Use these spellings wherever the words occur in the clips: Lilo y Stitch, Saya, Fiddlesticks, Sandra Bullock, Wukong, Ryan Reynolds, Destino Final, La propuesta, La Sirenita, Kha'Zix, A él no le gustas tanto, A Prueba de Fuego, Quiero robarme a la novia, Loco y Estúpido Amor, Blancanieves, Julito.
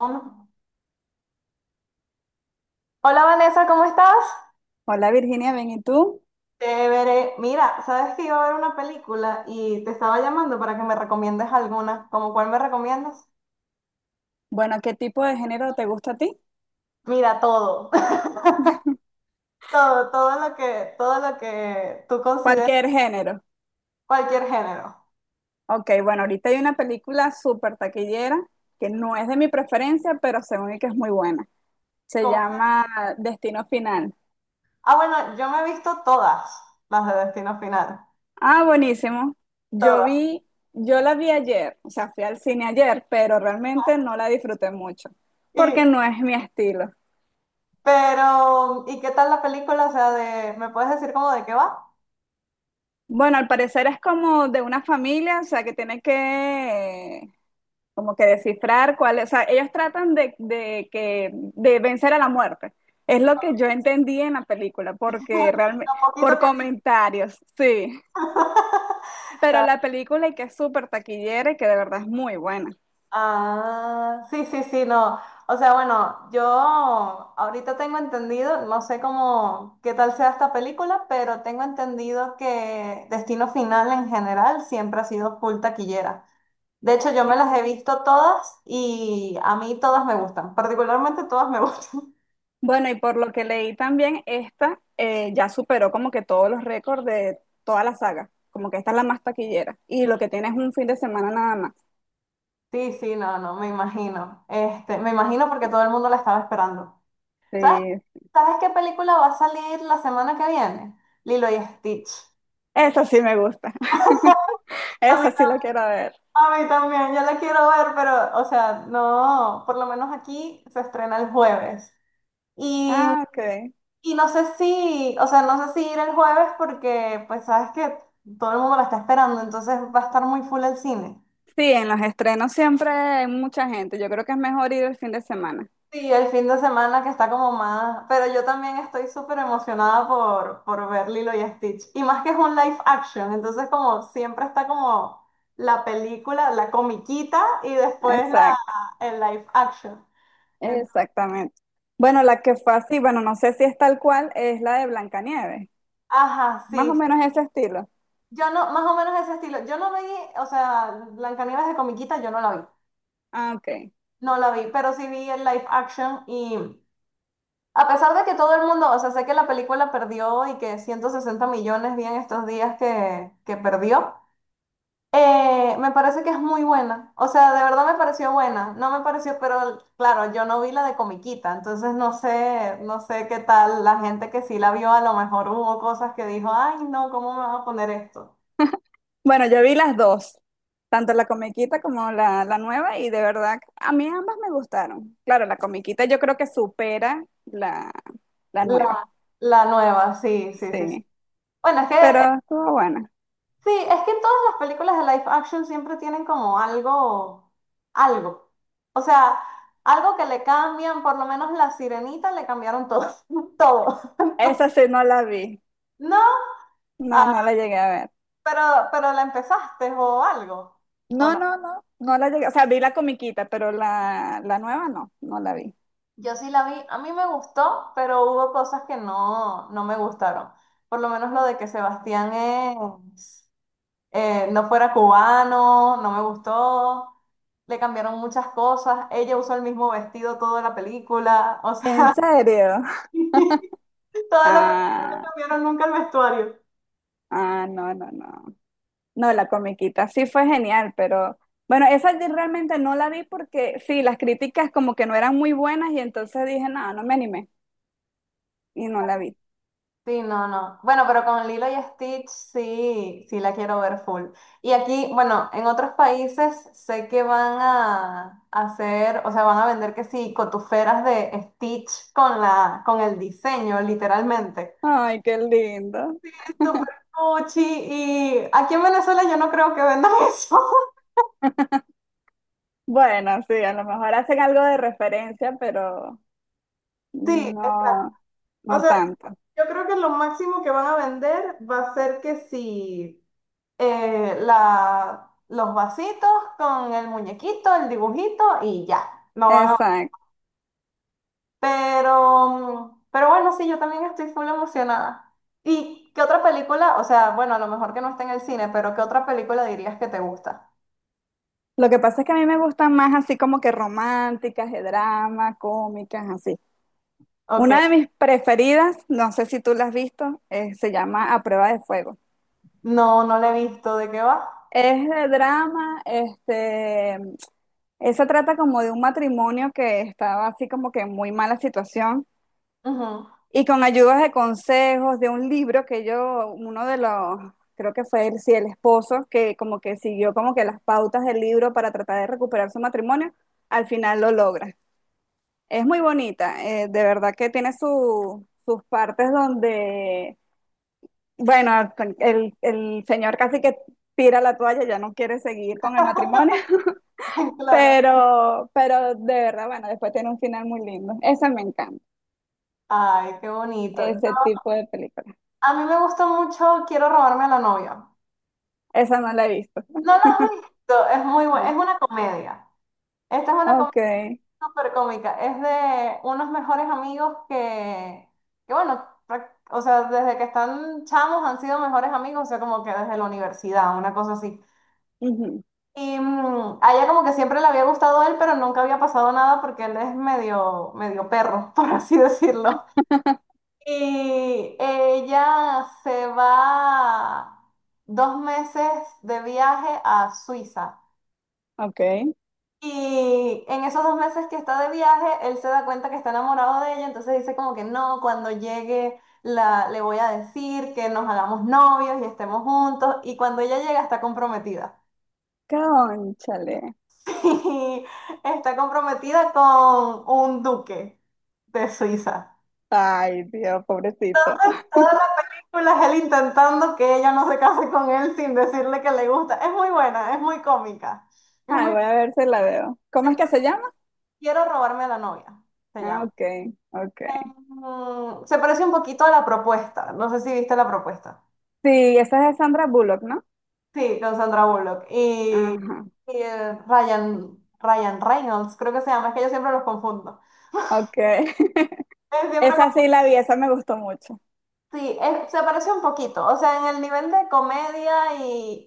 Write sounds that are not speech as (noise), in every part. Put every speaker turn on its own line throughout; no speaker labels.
Um, Hola Vanessa, ¿cómo estás?
Hola Virginia, bien, ¿y tú?
Veré. Mira, sabes que iba a ver una película y te estaba llamando para que me recomiendes alguna. ¿Cómo cuál me recomiendas?
Bueno, ¿qué tipo de género te gusta a ti?
Mira, todo. (laughs) Todo, todo lo que tú consideres
Cualquier género.
cualquier género.
Ok, bueno, ahorita hay una película súper taquillera que no es de mi preferencia, pero según y que es muy buena. Se
Como sea.
llama Destino Final.
Ah, bueno, yo me he visto todas las de Destino Final.
Ah, buenísimo. Yo
Todas.
vi, yo la vi ayer, o sea, fui al cine ayer, pero realmente no la disfruté mucho, porque
Y,
no es mi estilo.
pero, ¿y qué tal la película? O sea, de, ¿me puedes decir cómo de qué va?
Bueno, al parecer es como de una familia, o sea, que tiene que como que descifrar cuál es, o sea, ellos tratan de vencer a la muerte. Es lo que yo entendí en la película, porque
Lo
realmente,
poquito
por
que he
comentarios, sí. Pero
visto.
la película y que es súper taquillera y que de verdad es muy buena.
Ah, sí, sí, sí, no. O sea, bueno, yo ahorita tengo entendido, no sé cómo, qué tal sea esta película, pero tengo entendido que Destino Final en general siempre ha sido full taquillera. De hecho, yo me las he visto todas y a mí todas me gustan, particularmente todas me (laughs) gustan.
Bueno, y por lo que leí también, esta ya superó como que todos los récords de toda la saga. Como que esta es la más taquillera. Y lo que tiene es un fin de semana nada más.
Sí, sí, no, no, me imagino. Este, me imagino porque todo el mundo la estaba esperando. ¿Sabes,
Sí.
¿Sabes qué película va a salir la semana que viene? Lilo y Stitch.
Esa sí me gusta. (laughs) Esa sí la quiero ver.
A mí también, yo la quiero ver, pero, o sea, no, por lo menos aquí se estrena el jueves. Y,
Ah, ok.
y no sé si, o sea, no sé si ir el jueves porque, pues, sabes que todo el mundo la está esperando, entonces va a estar muy full el cine.
Sí, en los estrenos siempre hay mucha gente. Yo creo que es mejor ir el fin de semana.
Sí, el fin de semana que está como más, pero yo también estoy súper emocionada por ver Lilo y Stitch. Y más que es un live action, entonces como siempre está como la película, la comiquita y después la,
Exacto,
el live action.
exactamente. Bueno, la que fue así, bueno, no sé si es tal cual, es la de Blancanieves.
Ajá,
Más
sí.
o menos ese estilo.
Yo no, más o menos ese estilo. Yo no vi, o sea, Blancanieves de comiquita, yo no la vi.
Ah, ok.
No la vi, pero sí vi el live action y a pesar de que todo el mundo, o sea, sé que la película perdió y que 160 millones vi en estos días que perdió, me parece que es muy buena. O sea, de verdad me pareció buena. No me pareció, pero claro, yo no vi la de comiquita, entonces no sé, no sé qué tal la gente que sí la vio, a lo mejor hubo cosas que dijo, ay, no, ¿cómo me va a poner esto?
Bueno, yo vi las dos, tanto la comiquita como la nueva, y de verdad, a mí ambas me gustaron. Claro, la comiquita yo creo que supera la nueva.
La, la nueva, sí, sí, sí, sí.
Sí,
Bueno, es que,
pero estuvo buena.
sí, es que todas las películas de live action siempre tienen como algo, algo. O sea, algo que le cambian, por lo menos la Sirenita le cambiaron todo, (laughs) todo.
Esa sí no la vi.
No, ah,
No, no la llegué a ver.
pero, pero la empezaste o algo, ¿o
No,
no?
no, no, no la llegué, o sea, vi la comiquita, pero la nueva no, no la vi.
Yo sí la vi, a mí me gustó, pero hubo cosas que no, no me gustaron. Por lo menos lo de que Sebastián es... no fuera cubano, no me gustó, le cambiaron muchas cosas, ella usó el mismo vestido toda la película, o
¿En
sea,
serio? (laughs)
(laughs) toda la película
Ah,
cambiaron nunca el vestuario.
ah, no, no, no. No, la comiquita sí fue genial, pero bueno, esa yo realmente no la vi porque sí, las críticas como que no eran muy buenas y entonces dije, no, no me animé y no la vi.
Sí, no, no. Bueno, pero con Lilo y Stitch sí, sí la quiero ver full. Y aquí, bueno, en otros países sé que van a hacer, o sea, van a vender que sí, cotuferas de Stitch con la, con el diseño, literalmente.
Ay, qué lindo.
Súper cuchi, y aquí en Venezuela yo no creo que vendan (laughs) eso.
(laughs) Bueno, sí, a lo mejor hacen algo de referencia, pero
Sí, exacto.
no,
O
no
sea,
tanto.
yo creo que lo máximo que van a vender va a ser que si la, los vasitos con el muñequito, el dibujito y ya. No van a...
Exacto.
Pero, pero bueno, sí, yo también estoy full emocionada. ¿Y qué otra película? O sea, bueno, a lo mejor que no está en el cine, pero ¿qué otra película dirías que te gusta?
Lo que pasa es que a mí me gustan más así como que románticas, de drama, cómicas, así.
Ok.
Una de mis preferidas, no sé si tú la has visto, se llama A Prueba de Fuego.
No, no la he visto. ¿De qué va?
Es de drama, este, esa trata como de un matrimonio que estaba así como que en muy mala situación
Ujú.
y con ayudas de consejos de un libro que yo, uno de los, creo que fue el, sí, el esposo, que como que siguió como que las pautas del libro para tratar de recuperar su matrimonio, al final lo logra. Es muy bonita, de verdad que tiene sus partes donde, bueno, el señor casi que tira la toalla, ya no quiere seguir con el matrimonio,
(laughs)
(laughs)
Claro.
pero de verdad, bueno, después tiene un final muy lindo. Esa me encanta,
Ay, qué bonito. Yo-
ese tipo de película.
a mí me gusta mucho Quiero robarme a la novia.
Esa no la he visto,
No la has visto, es muy buena,
¿no?
es una comedia. Esta es una
Ok,
comedia súper cómica. Es de unos mejores amigos que bueno, prac- o sea, desde que están chamos han sido mejores amigos, o sea, como que desde la universidad, una cosa así.
ujú,
Y a ella como que siempre le había gustado él, pero nunca había pasado nada porque él es medio, medio perro, (laughs) por así decirlo. Y ella se va 2 meses de viaje a Suiza.
ok.
Y en esos 2 meses que está de viaje, él se da cuenta que está enamorado de ella, entonces dice como que no, cuando llegue la, le voy a decir que nos hagamos novios y estemos juntos. Y cuando ella llega está comprometida.
Cónchale.
(laughs) Y está comprometida con un duque de Suiza.
Ay, Dios, pobrecito.
Toda la película es él intentando que ella no se case con él sin decirle que le gusta. Es muy buena, es muy cómica. Es
Ay,
muy...
voy a ver si la veo. ¿Cómo es que se llama?
Quiero robarme a la novia, se
Ah,
llama.
ok, ok.
Se parece un poquito a la propuesta. No sé si viste la propuesta.
Sí, esa es de Sandra Bullock, ¿no?
Sí, con Sandra Bullock. Y,
Ajá,
Ryan Reynolds, creo que se llama. Es que yo siempre los confundo.
okay.
Es
(laughs)
siempre
Esa
como-
sí la vi, esa me gustó mucho.
Sí, es- se parece un poquito. O sea, en el nivel de comedia y,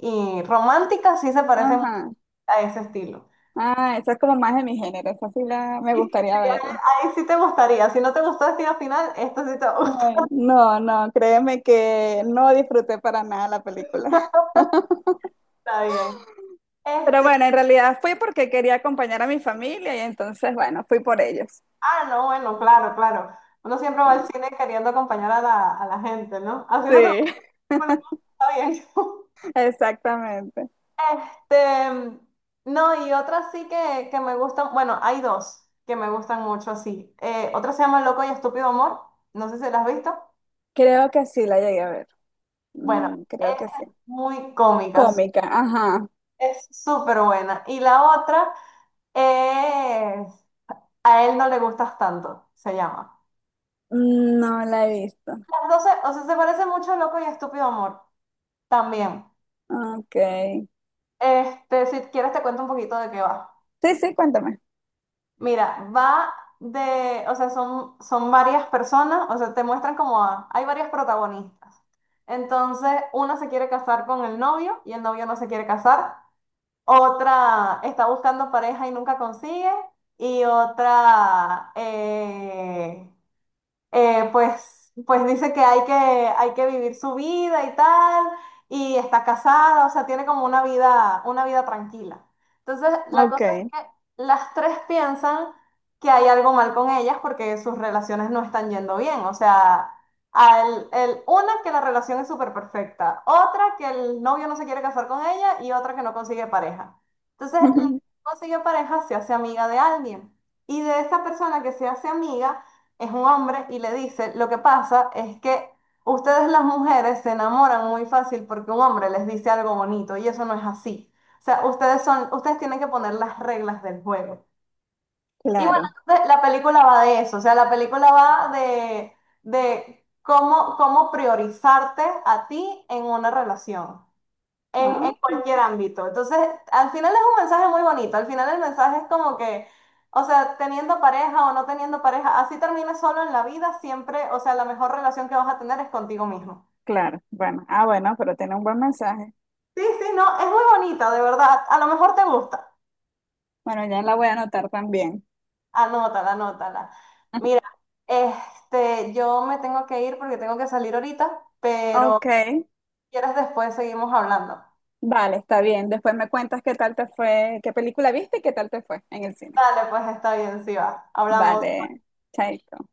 y romántica sí se parece mucho
Ajá.
a ese estilo.
Ah, esa es como más de mi género, esa sí la me
Y sí, sí,
gustaría verla.
ahí sí te gustaría. Si no te gustó Destino Final, esto sí te gusta.
Ay,
(laughs)
no, no, créeme que no disfruté para nada la película.
Está bien.
(laughs) Pero
Este
bueno, en realidad fui porque quería acompañar a mi familia y entonces, bueno, fui por ellos.
Ah, no, bueno, claro, claro. Uno siempre
Sí,
va al cine queriendo acompañar a la gente, ¿no? Así no te
sí,
gusta, bueno, está bien. (laughs)
(laughs) exactamente.
Este, no, y otra sí que me gustan, bueno, hay dos que me gustan mucho así. Otra se llama Loco y Estúpido Amor, no sé si la has visto.
Creo que sí la llegué a ver.
Bueno,
Creo que
esa
sí.
es muy cómica,
Cómica, ajá.
es súper buena. Y la otra es A él no le gustas tanto, se llama.
Mm, no la he visto.
Las dos, se- o sea, se parece mucho a Loco y Estúpido Amor, también.
Ok.
Este, si quieres te cuento un poquito de qué va.
Sí, sí, cuéntame.
Mira, va de, o sea, son, son varias personas, o sea, te muestran como a- hay varias protagonistas. Entonces, una se quiere casar con el novio y el novio no se quiere casar. Otra está buscando pareja y nunca consigue. Y otra, pues, pues dice que hay que, hay que vivir su vida y tal, y está casada, o sea, tiene como una vida tranquila. Entonces, la
Ok.
cosa es que las tres piensan que hay algo mal con ellas porque sus relaciones no están yendo bien. O sea, al, el, una que la relación es súper perfecta, otra que el novio no se quiere casar con ella y otra que no consigue pareja. Entonces, la que
(laughs)
no consigue pareja se hace amiga de alguien. Y de esa persona que se hace amiga, es un hombre y le dice, lo que pasa es que ustedes las mujeres se enamoran muy fácil porque un hombre les dice algo bonito y eso no es así. O sea, ustedes son, ustedes tienen que poner las reglas del juego. Y bueno,
Claro,
entonces la película va de eso, o sea, la película va de cómo, cómo priorizarte a ti en una relación en
ah,
cualquier ámbito. Entonces, al final es un mensaje muy bonito. Al final el mensaje es como que, o sea, teniendo pareja o no teniendo pareja, así termines solo en la vida, siempre, o sea, la mejor relación que vas a tener es contigo mismo.
claro. Bueno, ah, bueno, pero tiene un buen mensaje.
Sí, sí, no, es muy bonita, de verdad. A lo mejor te gusta.
Bueno, ya la voy a anotar también.
Anótala, anótala. Mira,
(laughs)
este, yo me tengo que ir porque tengo que salir ahorita,
Ok,
pero si quieres después seguimos hablando.
vale, está bien. Después me cuentas qué tal te fue, qué película viste y qué tal te fue en el cine.
Dale, pues está bien, sí va. Hablamos.
Vale, chaito.